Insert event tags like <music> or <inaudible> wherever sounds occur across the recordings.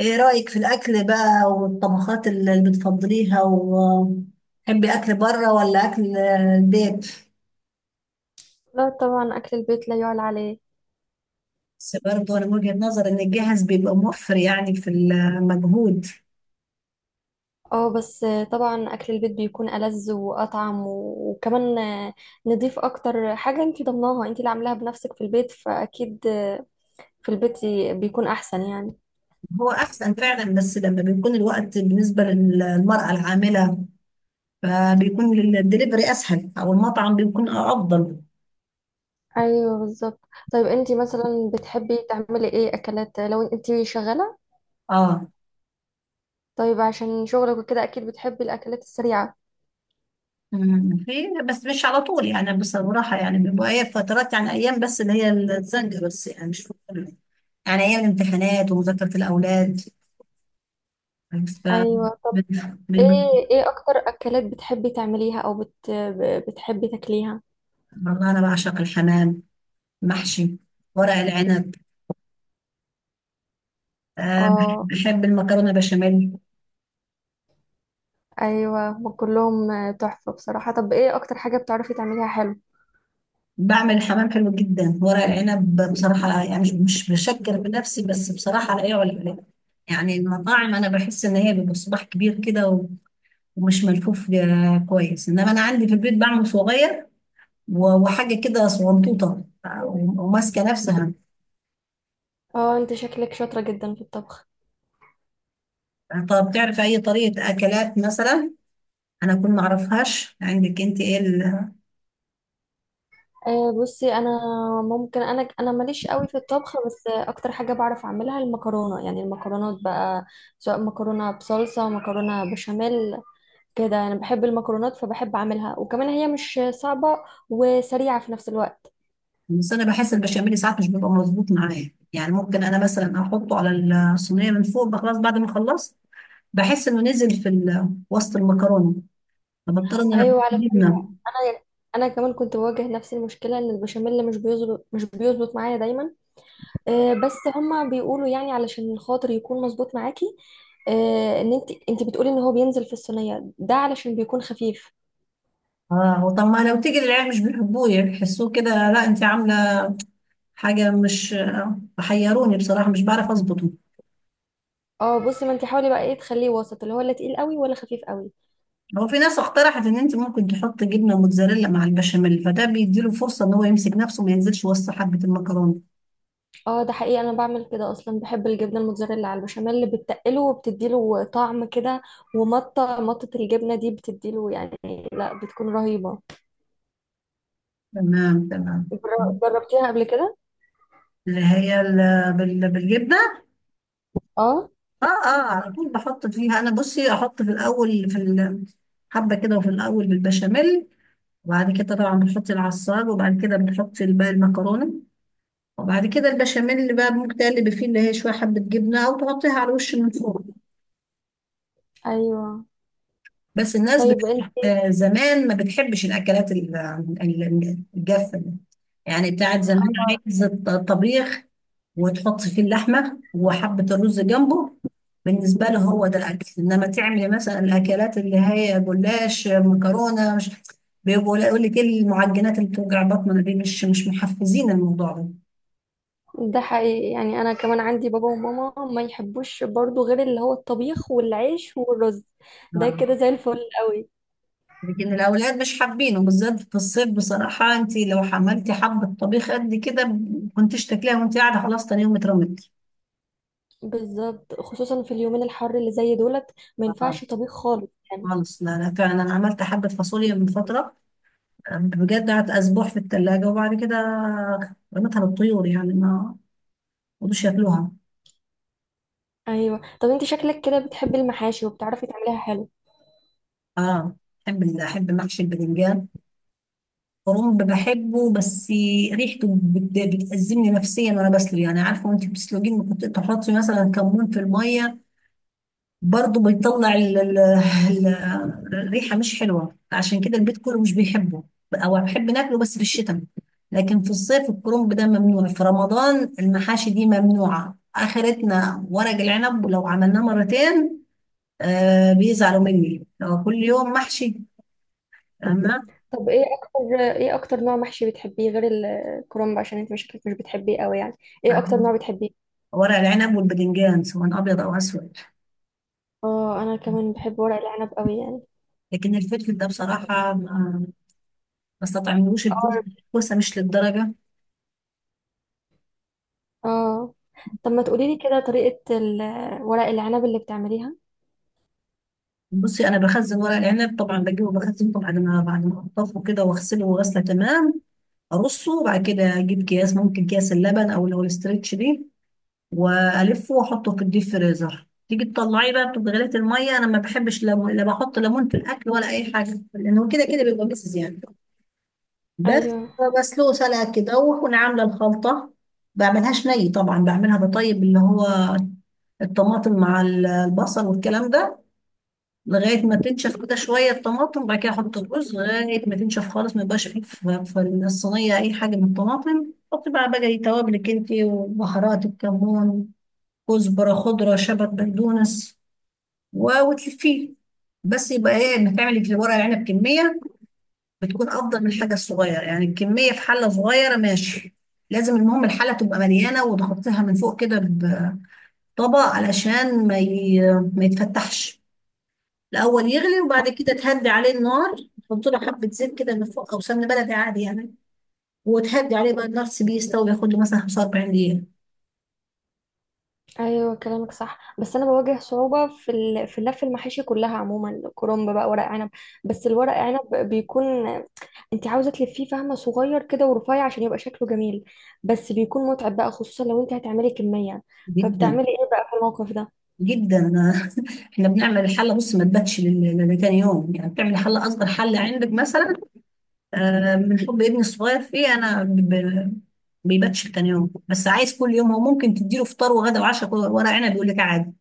ايه رأيك في الأكل بقى والطبخات اللي بتفضليها وتحبي أكل بره ولا أكل البيت؟ لا طبعا أكل البيت لا يعلى عليه. بس برضه أنا من وجهة نظر إن الجاهز بيبقى موفر يعني في المجهود. اه بس طبعا أكل البيت بيكون ألذ وأطعم وكمان نضيف أكتر حاجة، انتي ضمناها، انتي اللي عاملاها بنفسك في البيت، فأكيد في البيت بيكون أحسن يعني. هو أحسن فعلا، بس لما بيكون الوقت بالنسبة للمرأة العاملة فبيكون الدليفري أسهل أو المطعم بيكون أفضل. أيوه بالظبط. طيب انتي مثلا بتحبي تعملي ايه أكلات لو انتي شغالة؟ اه. طيب عشان شغلك وكده أكيد بتحبي الأكلات السريعة. في. بس مش على طول يعني، بصراحة يعني بيبقى هي فترات، يعني أيام بس اللي هي الزنجة بس، يعني مش كتير. يعني ايام الامتحانات ومذاكره الاولاد. ف- أيوه بن- ايه، بن- ايه أكتر أكلات بتحبي تعمليها أو بتحبي تاكليها؟ والله انا بعشق الحمام، محشي، ورق العنب، آه، اه بحب المكرونه بشاميل. ايوه هم كلهم آه، تحفه بصراحه. طب ايه اكتر حاجه بتعرفي تعمليها حلو؟ بعمل الحمام حلو جدا. ورق العنب بصراحه يعني مش بشكر بنفسي، بس بصراحه لا يعلى عليه. يعني المطاعم انا بحس ان هي بيبقى صباح كبير كده ومش ملفوف، كويس، انما انا عندي في البيت بعمل صغير وحاجه كده صغنطوطه، وماسكه نفسها. اه انت شكلك شاطره جدا في الطبخ. طب تعرف اي طريقه اكلات مثلا انا اكون ما اعرفهاش؟ عندك انت ايه آه بصي انا، ممكن انا ماليش قوي في الطبخ بس آه، اكتر حاجه بعرف اعملها المكرونه، يعني المكرونات بقى، سواء مكرونه بصلصه مكرونه بشاميل كده. انا بحب المكرونات فبحب اعملها، وكمان هي مش صعبه وسريعه في نفس الوقت. بس انا بحس البشاميل ساعات مش بيبقى مظبوط معايا، يعني ممكن انا مثلا احطه على الصينيه من فوق بقى خلاص بعد ما خلصت، بحس انه نزل في وسط المكرونه، فبضطر ان انا احط ايوه على، جبنه. انا انا كمان كنت بواجه نفس المشكله، ان البشاميل مش بيظبط، مش بيظبط معايا دايما آه، بس هما بيقولوا يعني علشان خاطر يكون مظبوط معاكي آه، ان انت بتقولي ان هو بينزل في الصينيه ده علشان بيكون خفيف. اه طب ما لو تيجي للعيال مش بيحبوه، بيحسوه كده لا انت عامله حاجه مش حيروني بصراحه، مش بعرف اظبطه. اه بصي، ما انت حاولي بقى ايه، تخليه وسط، اللي هو لا تقيل قوي ولا خفيف قوي. هو في ناس اقترحت ان انت ممكن تحط جبنه موتزاريلا مع البشاميل، فده بيديله فرصه ان هو يمسك نفسه ما ينزلش وسط حبه المكرونه. اه ده حقيقي، انا بعمل كده اصلا، بحب الجبنه الموتزاريلا على البشاميل، اللي بتقله وبتديله طعم كده، ومطه مطه الجبنه دي بتديله يعني، لا بتكون رهيبه. تمام تمام. جربتيها قبل كده؟ اللي هي بالجبنه. اه اه اه، على طول بحط فيها انا. بصي احط في الاول في حبه كده، وفي الاول بالبشاميل، وبعد كده طبعا بنحط العصار، وبعد كده بنحط الباقي المكرونه، وبعد كده البشاميل اللي بقى ممكن تقلب فيه اللي هي شويه حبه جبنه، او تحطيها على الوش من فوق. ايوه بس الناس بت... طيب انت. آه، زمان ما بتحبش الأكلات الجافة دي. يعني بتاعت زمان، عايز طبيخ، وتحط فيه اللحمة وحبة الرز جنبه. بالنسبة له هو ده الأكل، إنما تعمل مثلا الأكلات اللي هي جلاش، مكرونة، مش يقول لك إيه المعجنات اللي بتوجع بطننا دي؟ مش محفزين الموضوع ده. ده حقيقي، يعني انا كمان عندي بابا وماما ما يحبوش برضو غير اللي هو الطبيخ والعيش والرز، ده كده نعم. زي الفل قوي. لكن الأولاد مش حابينه، بالذات في الصيف بصراحة. أنت لو حملتي حبة طبيخ قد كده كنتيش تاكليها، وأنت قاعدة خلاص تاني يوم اترمت. بالظبط، خصوصا في اليومين الحر اللي زي دولت ما آه، ينفعش طبيخ خالص يعني. خالص. لا لا، فعلا أنا عملت حبة فاصوليا من فترة، بجد قعدت أسبوع في التلاجة، وبعد كده رميتها للطيور، يعني ما رضوش ياكلوها. ايوه، طب انت شكلك كده بتحبي المحاشي وبتعرفي تعمليها حلو. اه، بحب أحب محشي الباذنجان. كرنب بحبه، بس ريحته بتأزمني نفسيا وأنا بسلق، يعني عارفة وأنت بتسلقين ممكن تحطي مثلا كمون في المية، برضه بيطلع الريحة مش حلوة، عشان كده البيت كله مش بيحبه. أو بحب ناكله بس في الشتاء، لكن في الصيف الكرنب ده ممنوع. في رمضان المحاشي دي ممنوعة، آخرتنا ورق العنب، ولو عملناه مرتين آه بيزعلوا مني لو كل يوم محشي. أما طب ايه اكتر، ايه اكتر نوع محشي بتحبيه غير الكرنب، عشان انت شكلك مش بتحبيه قوي يعني؟ ايه اكتر نوع بتحبيه؟ ورق العنب والباذنجان سواء أبيض أو أسود، اه انا كمان بحب ورق العنب قوي يعني. لكن الفلفل ده بصراحة ما استطعملوش. اه الكوسة مش للدرجة. اه، طب ما تقولي لي كده طريقة ورق العنب اللي بتعمليها. بصي، انا بخزن ورق العنب طبعا، بجيبه بخزنه بعد ما انضفه كده واغسله، وغسله تمام ارصه، وبعد كده اجيب اكياس، ممكن اكياس اللبن او اللي هو الاسترتش دي، والفه واحطه في الديب فريزر. تيجي تطلعيه بقى، بتبقى غليت الميه. انا ما بحبش ليمون، لا بحط ليمون في الاكل ولا اي حاجه، لانه كده كده بيبقى مسز يعني. بس ايوه، بسلقه سلقه كده، واكون عامله الخلطه. بعملهاش ني طبعا، بعملها بطيب اللي هو الطماطم مع البصل والكلام ده لغاية ما تنشف كده شوية الطماطم، وبعد كده أحط الرز لغاية ما تنشف خالص، ما يبقاش فيه في الصينية أي حاجة من الطماطم. حطي بقى توابلك انتي وبهارات، الكمون، كزبرة خضرة، شبت، بقدونس، وتلفيه. بس يبقى ايه انك تعملي في ورق العنب كمية، بتكون أفضل من الحاجة الصغيرة. يعني الكمية في حلة صغيرة ماشي، لازم المهم الحلة تبقى مليانة، وتغطيها من فوق كده بطبق علشان ما يتفتحش. الاول يغلي، وبعد كده تهدي عليه النار، تحط له حبه زيت كده من فوق او سمن بلدي عادي يعني، وتهدي عليه بقى النار، تسيبيه يستوي، ياخد له مثلا 45 دقيقه. ايوه كلامك صح، بس انا بواجه صعوبه في لف المحاشي كلها عموما، كرنب بقى ورق عنب، بس الورق عنب بيكون، انت عاوزه تلفيه فهمه صغير كده ورفيع عشان يبقى شكله جميل، بس بيكون متعب بقى خصوصا لو انت هتعملي كميه، جدا فبتعملي ايه بقى في الموقف ده؟ جدا. <laughs> احنا بنعمل الحله بص، ما تباتش لتاني يوم. يعني بتعمل حله، اصغر حله عندك مثلا، آه، من حب ابني الصغير فيه انا بيباتش لتاني يوم، بس عايز كل يوم هو. ممكن تديله فطار وغدا وعشاء ورق عنب يقول لك عادي.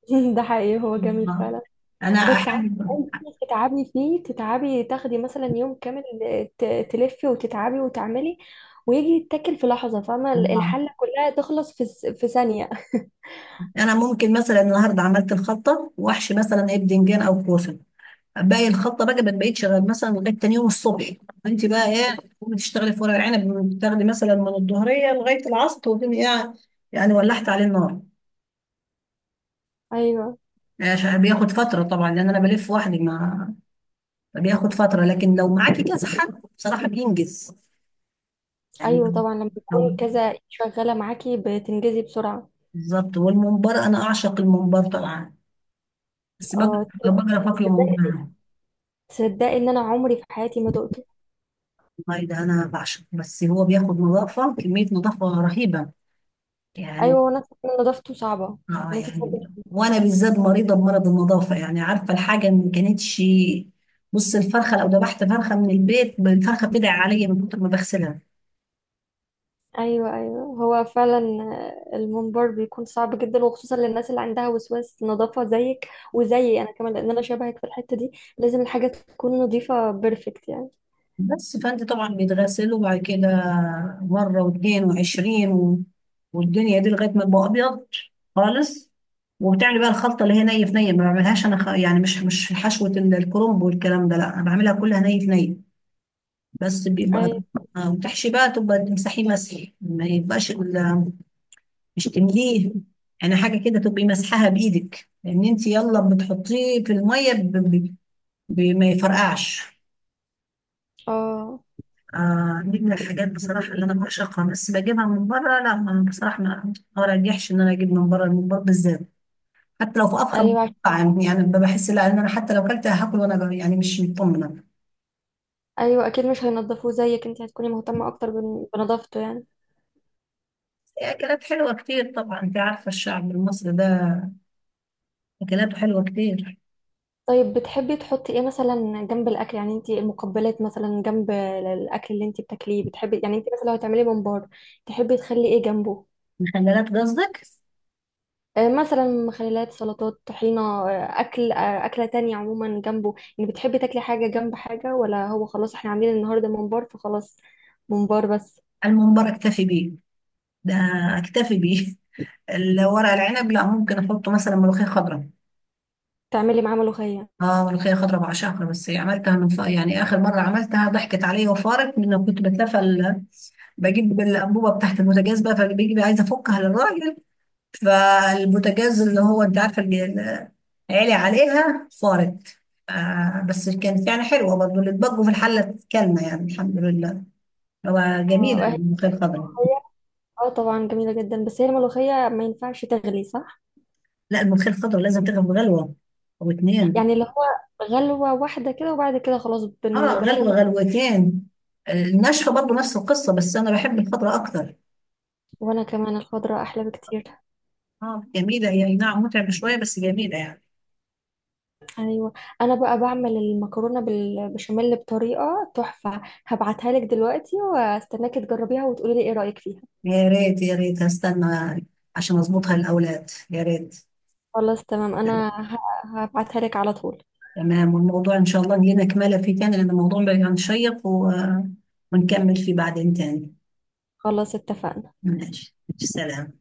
<laughs> ده حقيقي هو جميل آه. فعلا. انا بس عارفة، احب. انت تتعبي فيه، تتعبي تاخدي مثلا يوم كامل، ت... تلفي وتتعبي وتعملي ويجي يتاكل في لحظه، فاهمه آه. الحله كلها تخلص في ثانيه. انا ممكن مثلا النهارده عملت الخلطه واحشي مثلا ايه بدنجان او كوسه، باقي الخلطه بقى ما بقتش غير مثلا لغايه تاني يوم الصبح. انت بقى ايه، تقومي تشتغلي في ورق العنب بتاخدي مثلا من الظهريه لغايه العصر، تقومي ايه يعني، ولحت عليه النار. ايوه، عشان بياخد فتره طبعا، لان انا بلف وحدي، ما بياخد فتره، لكن لو معاكي كذا حد بصراحه بينجز يعني. ايوه طبعا لما يكون لو كذا شغاله معاكي بتنجزي بسرعه. بالظبط. والممبار انا اعشق الممبار طبعا، بس بقرف اه، اكله تصدقي ممبار. تصدقي ان انا عمري في حياتي ما دقته. والله ده انا بعشقه، بس هو بياخد نظافه، كميه نظافه رهيبه يعني. ايوه وانا أسمع إن نضافته صعبه، اه ان انت يعني، تنضفي. وانا بالذات مريضه بمرض النظافه، يعني عارفه الحاجه اللي ما كانتش. بص الفرخه لو ذبحت فرخه من البيت، الفرخه بتدعي عليا من كتر ما بغسلها. ايوه ايوه هو فعلا آه، المنبر بيكون صعب جدا، وخصوصا للناس اللي عندها وسواس نظافه زيك، وزيي انا كمان، لان انا شبهك في الحته دي، لازم الحاجه تكون نظيفه بيرفكت يعني. بس فانت طبعا بيتغسل، وبعد كده مره واثنين وعشرين والدنيا دي لغايه ما يبقى ابيض خالص. وبتعمل بقى الخلطه اللي هي ني في ني، ما بعملهاش انا يعني مش حشوه الكرنب والكلام ده، لا انا بعملها كلها ني في ني. بس بيبقى ايوه آه، وتحشي بقى، تبقى تمسحيه مسح ما يبقاش مش تمليه يعني. حاجه كده تبقي مسحها بايدك، لان انت يلا بتحطيه في الميه ما يفرقعش. اه دي من الحاجات بصراحه اللي انا بعشقها، بس بجيبها من بره لا، بصراحه ما ارجحش ان انا اجيب من بره الممبار بالذات. حتى لو في افخم ايوه، مطعم، يعني بحس لا، ان انا حتى لو كلت هاكل وانا يعني مش مطمنه. ايوه اكيد مش هينضفوه زيك، انت هتكوني مهتمه اكتر بنظافته يعني. في اكلات حلوه كتير طبعا، انت عارفه الشعب المصري ده اكلاته حلوه كتير. طيب بتحبي تحطي ايه مثلا جنب الاكل، يعني انت المقبلات مثلا جنب الاكل اللي انت بتاكليه، بتحبي يعني، انت مثلا لو هتعملي ممبار تحبي تخلي ايه جنبه؟ مخللات قصدك؟ آه، مثلا مخللات سلطات طحينة آه، أكل آه، أكلة تانية عموما جنبه يعني، بتحبي تاكلي حاجة جنب حاجة ولا هو خلاص احنا عاملين النهاردة ممبار فخلاص ممبار بس؟ الممبار اكتفي بيه ده، اكتفي بيه. <laughs> الورق العنب لا، ممكن احطه مثلا ملوخيه خضراء. تعملي معاه ملوخية؟ اه، ملوخيه خضراء بعشقها، بس عملتها يعني اخر مره عملتها ضحكت عليا وفارت، من إنه كنت بجيب الانبوبه بتاعت البوتاجاز بقى، فبيجي بقى عايزه افكها للراجل، فالبوتاجاز اللي هو انت عارفه، اللي عالي عليها فارت. آه، بس كانت يعني حلوه برضه اللي اتبقوا في الحله، كلمه يعني الحمد لله. هو جميل اه هي الملوخيه الخضراء. ملوخية؟ آه، طبعا جميلة جدا، بس هي الملوخية ما ينفعش تغلي صح؟ لا، الملوخية الخضراء لازم تغلو غلوة أو اتنين. يعني اللي هو غلوة واحدة كده وبعد كده خلاص اه، غلوة بنعمل. غلوتين. الناشفة برضه نفس القصة، بس أنا بحب الخضراء أكتر. وانا كمان الخضرة احلى بكتير. اه جميلة هي، أي نعم متعبة شوية بس جميلة يعني. ايوه، انا بقى بعمل المكرونة بالبشاميل بطريقة تحفة، هبعتها لك دلوقتي واستناكي تجربيها وتقولي لي ايه رأيك فيها. يا ريت يا ريت، هستنى عشان أظبطها للأولاد، يا ريت. خلاص تمام، انا هبعتها لك على طول. تمام. والموضوع إن شاء الله لينا كمالة فيه تاني، لأن الموضوع بقى شيق ونكمل فيه بعدين تاني. خلاص اتفقنا. ماشي سلام.